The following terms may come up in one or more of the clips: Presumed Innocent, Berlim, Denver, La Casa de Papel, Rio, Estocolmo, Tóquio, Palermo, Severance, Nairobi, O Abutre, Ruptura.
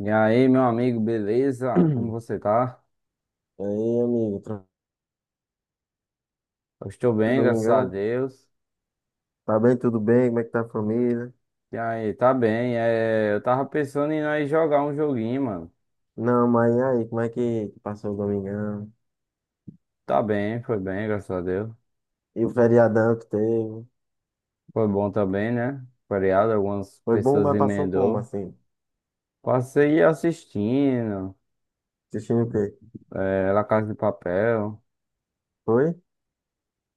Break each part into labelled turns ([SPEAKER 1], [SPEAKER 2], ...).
[SPEAKER 1] E aí, meu amigo,
[SPEAKER 2] E
[SPEAKER 1] beleza? Como você tá?
[SPEAKER 2] aí, amigo, tranquilo,
[SPEAKER 1] Eu estou bem, graças a
[SPEAKER 2] domingão?
[SPEAKER 1] Deus.
[SPEAKER 2] Tá bem, tudo bem? Como é que tá a família?
[SPEAKER 1] E aí, tá bem. É, eu tava pensando em nós jogar um joguinho, mano.
[SPEAKER 2] Não, mas e aí, como é que passou o domingão?
[SPEAKER 1] Tá bem, foi bem, graças a Deus.
[SPEAKER 2] E o feriadão que teve?
[SPEAKER 1] Foi bom também, né? Feriado, algumas
[SPEAKER 2] Foi bom,
[SPEAKER 1] pessoas
[SPEAKER 2] mas passou como,
[SPEAKER 1] emendou.
[SPEAKER 2] assim?
[SPEAKER 1] Passei assistindo,
[SPEAKER 2] Assistindo o quê?
[SPEAKER 1] é, La Casa de Papel.
[SPEAKER 2] Foi?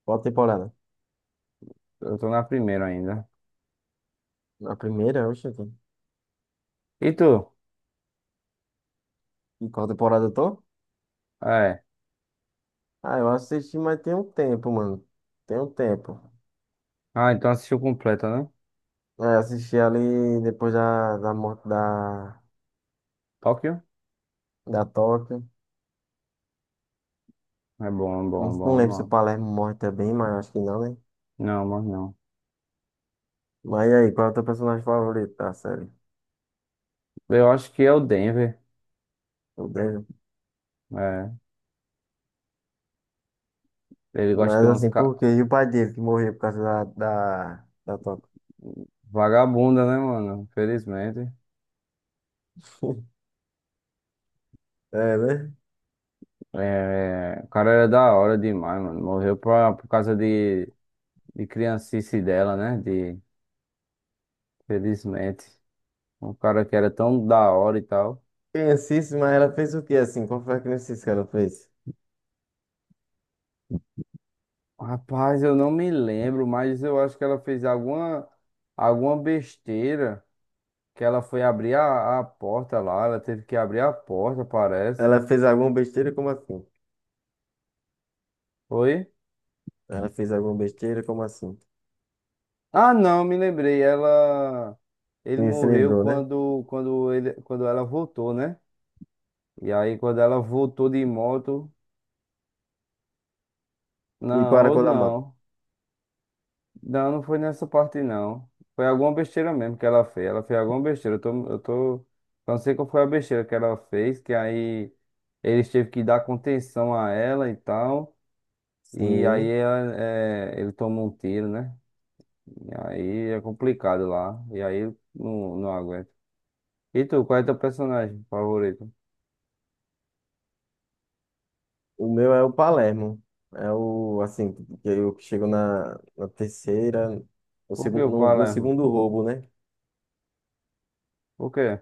[SPEAKER 2] Qual temporada?
[SPEAKER 1] Eu tô na primeira ainda.
[SPEAKER 2] A primeira, oxe. Então.
[SPEAKER 1] E tu?
[SPEAKER 2] E qual temporada eu tô?
[SPEAKER 1] É.
[SPEAKER 2] Ah, eu assisti, mas tem um tempo, mano. Tem um tempo.
[SPEAKER 1] Ah, então assistiu completa, né?
[SPEAKER 2] É, assisti ali depois da morte da,
[SPEAKER 1] Tóquio?
[SPEAKER 2] da Tóquio.
[SPEAKER 1] É bom,
[SPEAKER 2] Não,
[SPEAKER 1] bom,
[SPEAKER 2] não
[SPEAKER 1] bom,
[SPEAKER 2] lembro se o
[SPEAKER 1] não.
[SPEAKER 2] Palermo morre também, mas acho que não, né?
[SPEAKER 1] Não, mas não.
[SPEAKER 2] Mas e aí, qual é o teu personagem favorito da série?
[SPEAKER 1] Eu acho que é o Denver.
[SPEAKER 2] Tudo bem.
[SPEAKER 1] É. Ele gosta de
[SPEAKER 2] Mas
[SPEAKER 1] umas
[SPEAKER 2] assim, por
[SPEAKER 1] ca...
[SPEAKER 2] quê? E o pai dele que morreu por causa da toca?
[SPEAKER 1] vagabundas, né, mano? Infelizmente.
[SPEAKER 2] É, né?
[SPEAKER 1] É, o cara era da hora demais, mano. Morreu pra... por causa de criancice dela, né? De... felizmente um cara que era tão da hora e tal.
[SPEAKER 2] Criancice, mas ela fez o quê assim? Qual foi a criancice que ela fez?
[SPEAKER 1] Rapaz, eu não me lembro, mas eu acho que ela fez alguma, alguma besteira que ela foi abrir a porta lá. Ela teve que abrir a porta, parece.
[SPEAKER 2] Ela fez alguma besteira, como assim?
[SPEAKER 1] Foi?
[SPEAKER 2] Ela fez alguma besteira, como assim?
[SPEAKER 1] Ah, não, me lembrei. Ela, ele
[SPEAKER 2] Sim, se
[SPEAKER 1] morreu
[SPEAKER 2] lembrou, né?
[SPEAKER 1] quando, quando ele, quando ela voltou, né? E aí quando ela voltou de moto,
[SPEAKER 2] E qual
[SPEAKER 1] não,
[SPEAKER 2] era a
[SPEAKER 1] ou
[SPEAKER 2] cor da moto?
[SPEAKER 1] não, não, não foi nessa parte não. Foi alguma besteira mesmo que ela fez. Ela fez alguma besteira. Eu tô, não sei qual foi a besteira que ela fez, que aí eles teve que dar contenção a ela e tal. E aí
[SPEAKER 2] Sim.
[SPEAKER 1] ela, é, ele tomou um tiro, né? E aí é complicado lá. E aí não, não aguenta. E tu, qual é teu personagem favorito?
[SPEAKER 2] O meu é o Palermo. É o, assim, que eu chego na, na terceira, no,
[SPEAKER 1] Por que
[SPEAKER 2] segun-
[SPEAKER 1] o
[SPEAKER 2] no, no
[SPEAKER 1] Palermo?
[SPEAKER 2] segundo roubo, né?
[SPEAKER 1] Por quê?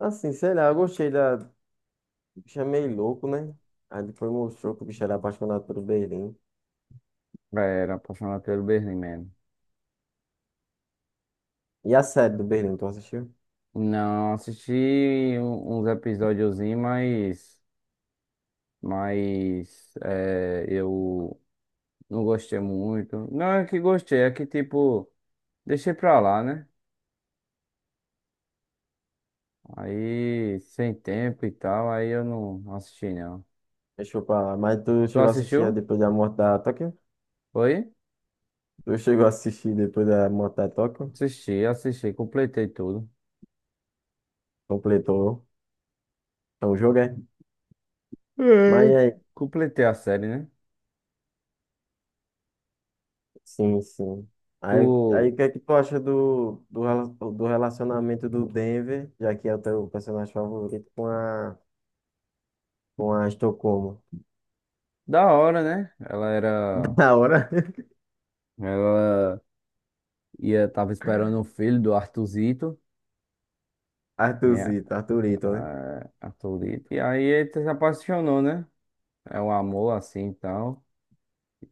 [SPEAKER 2] Assim, sei lá, eu gostei da, bicho é meio louco, né? Aí depois mostrou que o bicho era apaixonado pelo Berlim.
[SPEAKER 1] É, era apaixonado pelo Berlim, mano.
[SPEAKER 2] E a série do Berlim, tu assistiu?
[SPEAKER 1] Não assisti uns episódiozinhos, mas é, eu não gostei muito. Não é que gostei, é que tipo, deixei pra lá, né? Aí, sem tempo e tal, aí eu não assisti, não.
[SPEAKER 2] Deixou pra lá. Mas tu
[SPEAKER 1] Tu
[SPEAKER 2] chegou a assistir a
[SPEAKER 1] assistiu?
[SPEAKER 2] depois da morte da Tóquio?
[SPEAKER 1] Foi?
[SPEAKER 2] Tu chegou a assistir depois da morte da Tóquio?
[SPEAKER 1] Assisti, assisti, completei tudo.
[SPEAKER 2] Completou. Então o jogo é. Mas
[SPEAKER 1] É.
[SPEAKER 2] aí,
[SPEAKER 1] Completei a série, né?
[SPEAKER 2] sim, sim. Aí, aí o
[SPEAKER 1] Tu
[SPEAKER 2] que é que tu acha do relacionamento do Denver, já que é o teu personagem favorito, com a Estocolmo?
[SPEAKER 1] da hora, né? Ela era.
[SPEAKER 2] Da hora.
[SPEAKER 1] Ela ia, tava esperando o filho do Arthurzito, né?
[SPEAKER 2] Arthurzito, Arthurito, né?
[SPEAKER 1] Ah, Arthurzito. E aí ele se apaixonou, né? É um amor assim e tal.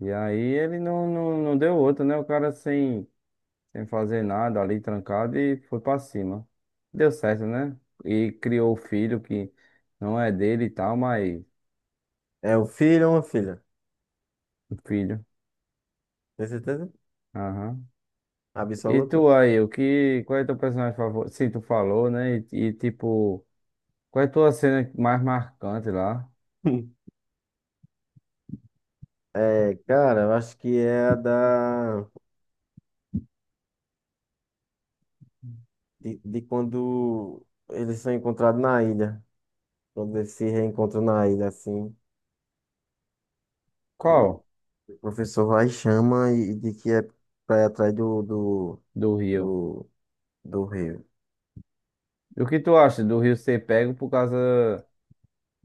[SPEAKER 1] E aí ele não, não, não deu outra, né? O cara sem, sem fazer nada ali, trancado, e foi pra cima. Deu certo, né? E criou o filho que não é dele e tal, mas
[SPEAKER 2] É o filho ou uma filha?
[SPEAKER 1] o filho.
[SPEAKER 2] Tem certeza?
[SPEAKER 1] Aham. E
[SPEAKER 2] Absoluta?
[SPEAKER 1] tu aí, o que, qual é teu personagem favorito? Sim, tu falou, né? e tipo. Qual é a tua cena mais marcante lá?
[SPEAKER 2] É, cara, eu acho que é a da. De quando eles são encontrados na ilha. Quando eles se reencontram na ilha, assim. E
[SPEAKER 1] Qual?
[SPEAKER 2] o professor vai e chama e de que é pra ir atrás
[SPEAKER 1] Do Rio.
[SPEAKER 2] do, do rei.
[SPEAKER 1] E o que tu acha do Rio ser pego por causa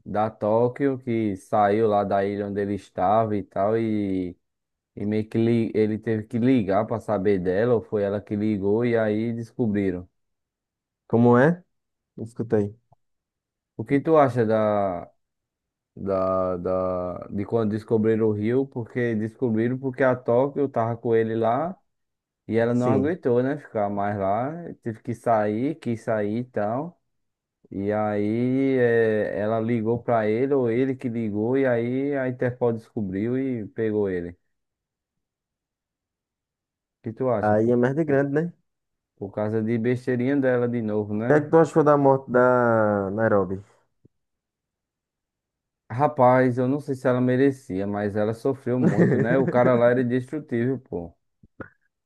[SPEAKER 1] da Tóquio, que saiu lá da ilha onde ele estava e tal, e meio que ele teve que ligar pra saber dela, ou foi ela que ligou e aí descobriram.
[SPEAKER 2] Como é? Escuta aí.
[SPEAKER 1] O que tu acha da, de quando descobriram o Rio? Porque descobriram porque a Tóquio tava com ele lá e ela não
[SPEAKER 2] Sim.
[SPEAKER 1] aguentou, né? Ficar mais lá, teve que sair, quis sair e tal. E aí ela ligou pra ele, ou ele que ligou, e aí a Interpol descobriu e pegou ele. O que tu acha?
[SPEAKER 2] Aí é merda
[SPEAKER 1] Por,
[SPEAKER 2] grande, né? O
[SPEAKER 1] por causa de besteirinha dela de novo,
[SPEAKER 2] que é
[SPEAKER 1] né?
[SPEAKER 2] que tu achou da morte da Nairobi?
[SPEAKER 1] Rapaz, eu não sei se ela merecia, mas ela sofreu muito, né? O cara lá era indestrutível, pô. O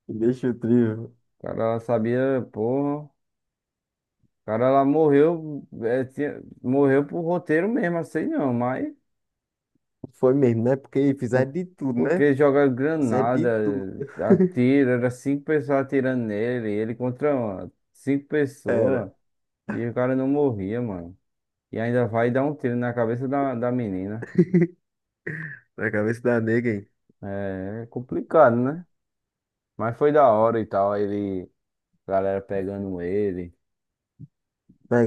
[SPEAKER 2] Deixa o trio.
[SPEAKER 1] cara lá sabia, porra. O cara lá morreu, morreu por roteiro mesmo, assim não, mas.
[SPEAKER 2] Foi mesmo, né? Porque fizeram
[SPEAKER 1] Por-
[SPEAKER 2] de tudo, né?
[SPEAKER 1] Porque joga
[SPEAKER 2] Fizeram de
[SPEAKER 1] granada,
[SPEAKER 2] tudo.
[SPEAKER 1] atira, era cinco pessoas atirando nele, ele contra cinco pessoas,
[SPEAKER 2] Era.
[SPEAKER 1] e o cara não morria, mano. E ainda vai dar um tiro na cabeça da, da menina.
[SPEAKER 2] Na cabeça da nega, hein?
[SPEAKER 1] É complicado, né? Mas foi da hora e tal, ele, a galera pegando ele,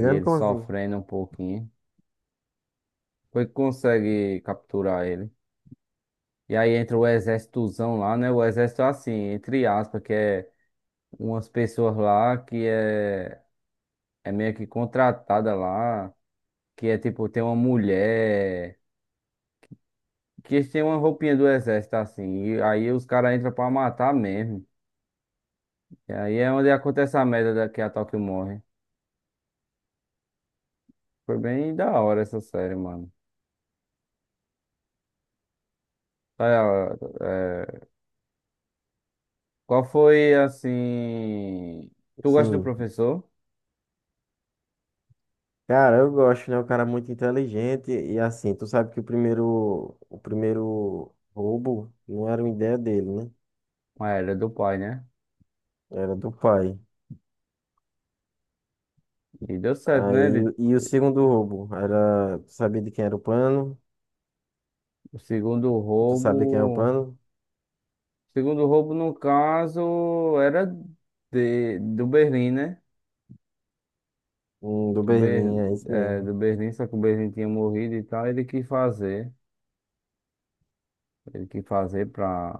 [SPEAKER 1] e ele
[SPEAKER 2] como assim?
[SPEAKER 1] sofrendo um pouquinho. Foi que consegue capturar ele. E aí entra o exércitozão lá, né? O exército é assim, entre aspas, que é umas pessoas lá que é. É meio que contratada lá, que é tipo, tem uma mulher, que tem uma roupinha do exército assim, e aí os caras entram pra matar mesmo. E aí é onde acontece a merda da que a Tóquio morre. Foi bem da hora essa série, mano. Olha, é, qual foi assim. Tu gosta do
[SPEAKER 2] Sim.
[SPEAKER 1] professor?
[SPEAKER 2] Cara, eu gosto, né? O cara é muito inteligente e assim, tu sabe que o primeiro roubo não era uma ideia dele, né?
[SPEAKER 1] Ah, era do pai, né?
[SPEAKER 2] Era do pai.
[SPEAKER 1] E deu certo, né? Ele...
[SPEAKER 2] Aí, e o segundo roubo era, tu sabia de quem era o plano?
[SPEAKER 1] O segundo
[SPEAKER 2] Tu sabia quem era o
[SPEAKER 1] roubo. O
[SPEAKER 2] plano?
[SPEAKER 1] segundo roubo, no caso, era de... do Berlim, né?
[SPEAKER 2] Do
[SPEAKER 1] do, Ber,
[SPEAKER 2] Berlim, é isso mesmo.
[SPEAKER 1] do Berlim, só que o Berlim tinha morrido e tal, ele quis fazer. Ele quis fazer pra,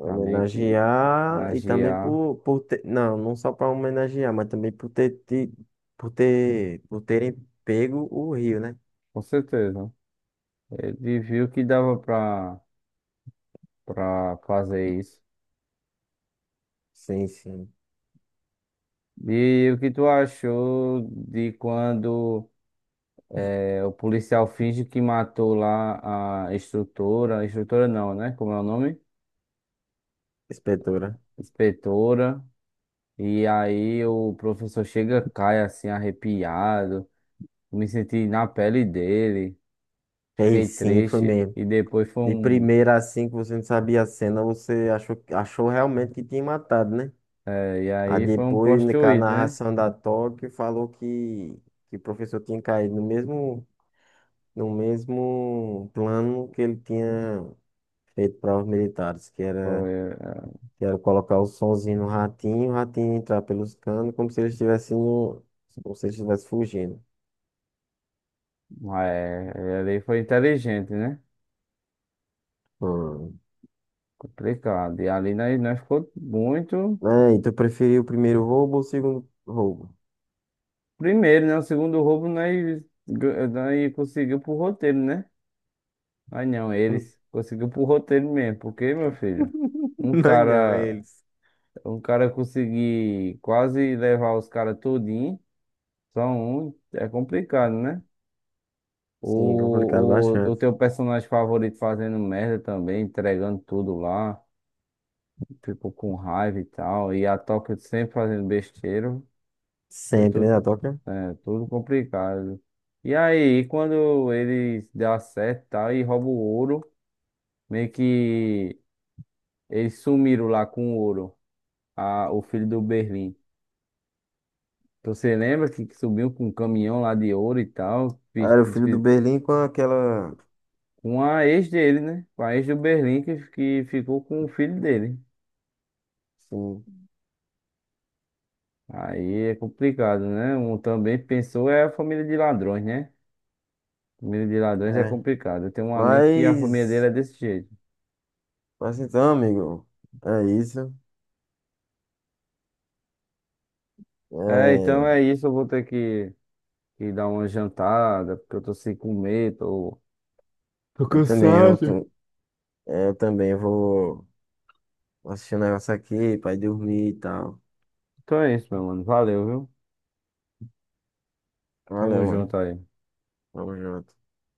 [SPEAKER 1] pra meio que
[SPEAKER 2] e também
[SPEAKER 1] homenagear,
[SPEAKER 2] por ter, não, não só para homenagear, mas também por ter, ti- por ter, por terem pego o Rio, né?
[SPEAKER 1] com certeza. Ele viu que dava pra, pra fazer isso.
[SPEAKER 2] Sim, sim,
[SPEAKER 1] E o que tu achou de quando o policial finge que matou lá a instrutora, instrutora não, né? Como é o nome?
[SPEAKER 2] inspetora.
[SPEAKER 1] Inspetora. E aí o professor chega, cai assim, arrepiado. Me senti na pele dele,
[SPEAKER 2] Ei,
[SPEAKER 1] fiquei
[SPEAKER 2] sim, foi
[SPEAKER 1] triste
[SPEAKER 2] mesmo.
[SPEAKER 1] e depois foi
[SPEAKER 2] De
[SPEAKER 1] um.
[SPEAKER 2] primeira assim que você não sabia a cena, você achou, achou realmente que tinha matado, né?
[SPEAKER 1] E
[SPEAKER 2] Aí
[SPEAKER 1] aí foi um
[SPEAKER 2] depois,
[SPEAKER 1] plot
[SPEAKER 2] na com a
[SPEAKER 1] twist, né?
[SPEAKER 2] narração da Tóquio, falou que o professor tinha caído no mesmo, no mesmo plano que ele tinha feito para os militares,
[SPEAKER 1] Foi, eh,
[SPEAKER 2] que era colocar o sonzinho no ratinho, o ratinho entrar pelos canos, como se ele estivesse no, como se ele estivesse fugindo.
[SPEAKER 1] Ele ali foi inteligente, né?
[SPEAKER 2] Hum.
[SPEAKER 1] Complicado. E ali nós, nós ficou muito.
[SPEAKER 2] É, e tu preferiu o primeiro roubo ou o segundo roubo?
[SPEAKER 1] Primeiro, né? O segundo roubo nós, nós conseguiu pro roteiro, né? Mas não, eles conseguiu pro roteiro mesmo. Porque, meu filho, um
[SPEAKER 2] Não, não,
[SPEAKER 1] cara,
[SPEAKER 2] eles.
[SPEAKER 1] um cara conseguir quase levar os caras todinho, só um, é complicado, né?
[SPEAKER 2] Sim, complicado
[SPEAKER 1] O
[SPEAKER 2] bastante.
[SPEAKER 1] teu personagem favorito fazendo merda também, entregando tudo lá, tipo com raiva e tal, e a Tóquio sempre fazendo besteira, foi
[SPEAKER 2] Sempre, né, a
[SPEAKER 1] tudo,
[SPEAKER 2] Toca?
[SPEAKER 1] é, tudo complicado. E aí, quando eles dão certo e tal, e roubam o ouro, meio que eles sumiram lá com o ouro, a, o filho do Berlim. Então, você lembra que subiu com um caminhão lá de ouro e tal,
[SPEAKER 2] Ah, era o filho do Berlim com aquela.
[SPEAKER 1] com a ex dele, né? Com a ex do Berlim que ficou com o filho dele.
[SPEAKER 2] Sim,
[SPEAKER 1] Aí é complicado, né? Um também pensou é a família de ladrões, né? Família de ladrões é
[SPEAKER 2] é.
[SPEAKER 1] complicado. Eu tenho um amigo que a família dele
[SPEAKER 2] Mas.
[SPEAKER 1] é desse jeito.
[SPEAKER 2] Mas então, amigo. É isso.
[SPEAKER 1] É, então é
[SPEAKER 2] É,
[SPEAKER 1] isso. Eu vou ter que dar uma jantada, porque eu tô sem comer, tô. Tô
[SPEAKER 2] eu também, eu,
[SPEAKER 1] cansado.
[SPEAKER 2] tô- é, eu também vou. Vou assistir um negócio aqui pra ir dormir e tal.
[SPEAKER 1] Então é isso, meu mano. Valeu, viu? Tamo
[SPEAKER 2] Valeu, mano.
[SPEAKER 1] junto aí.
[SPEAKER 2] Tamo junto.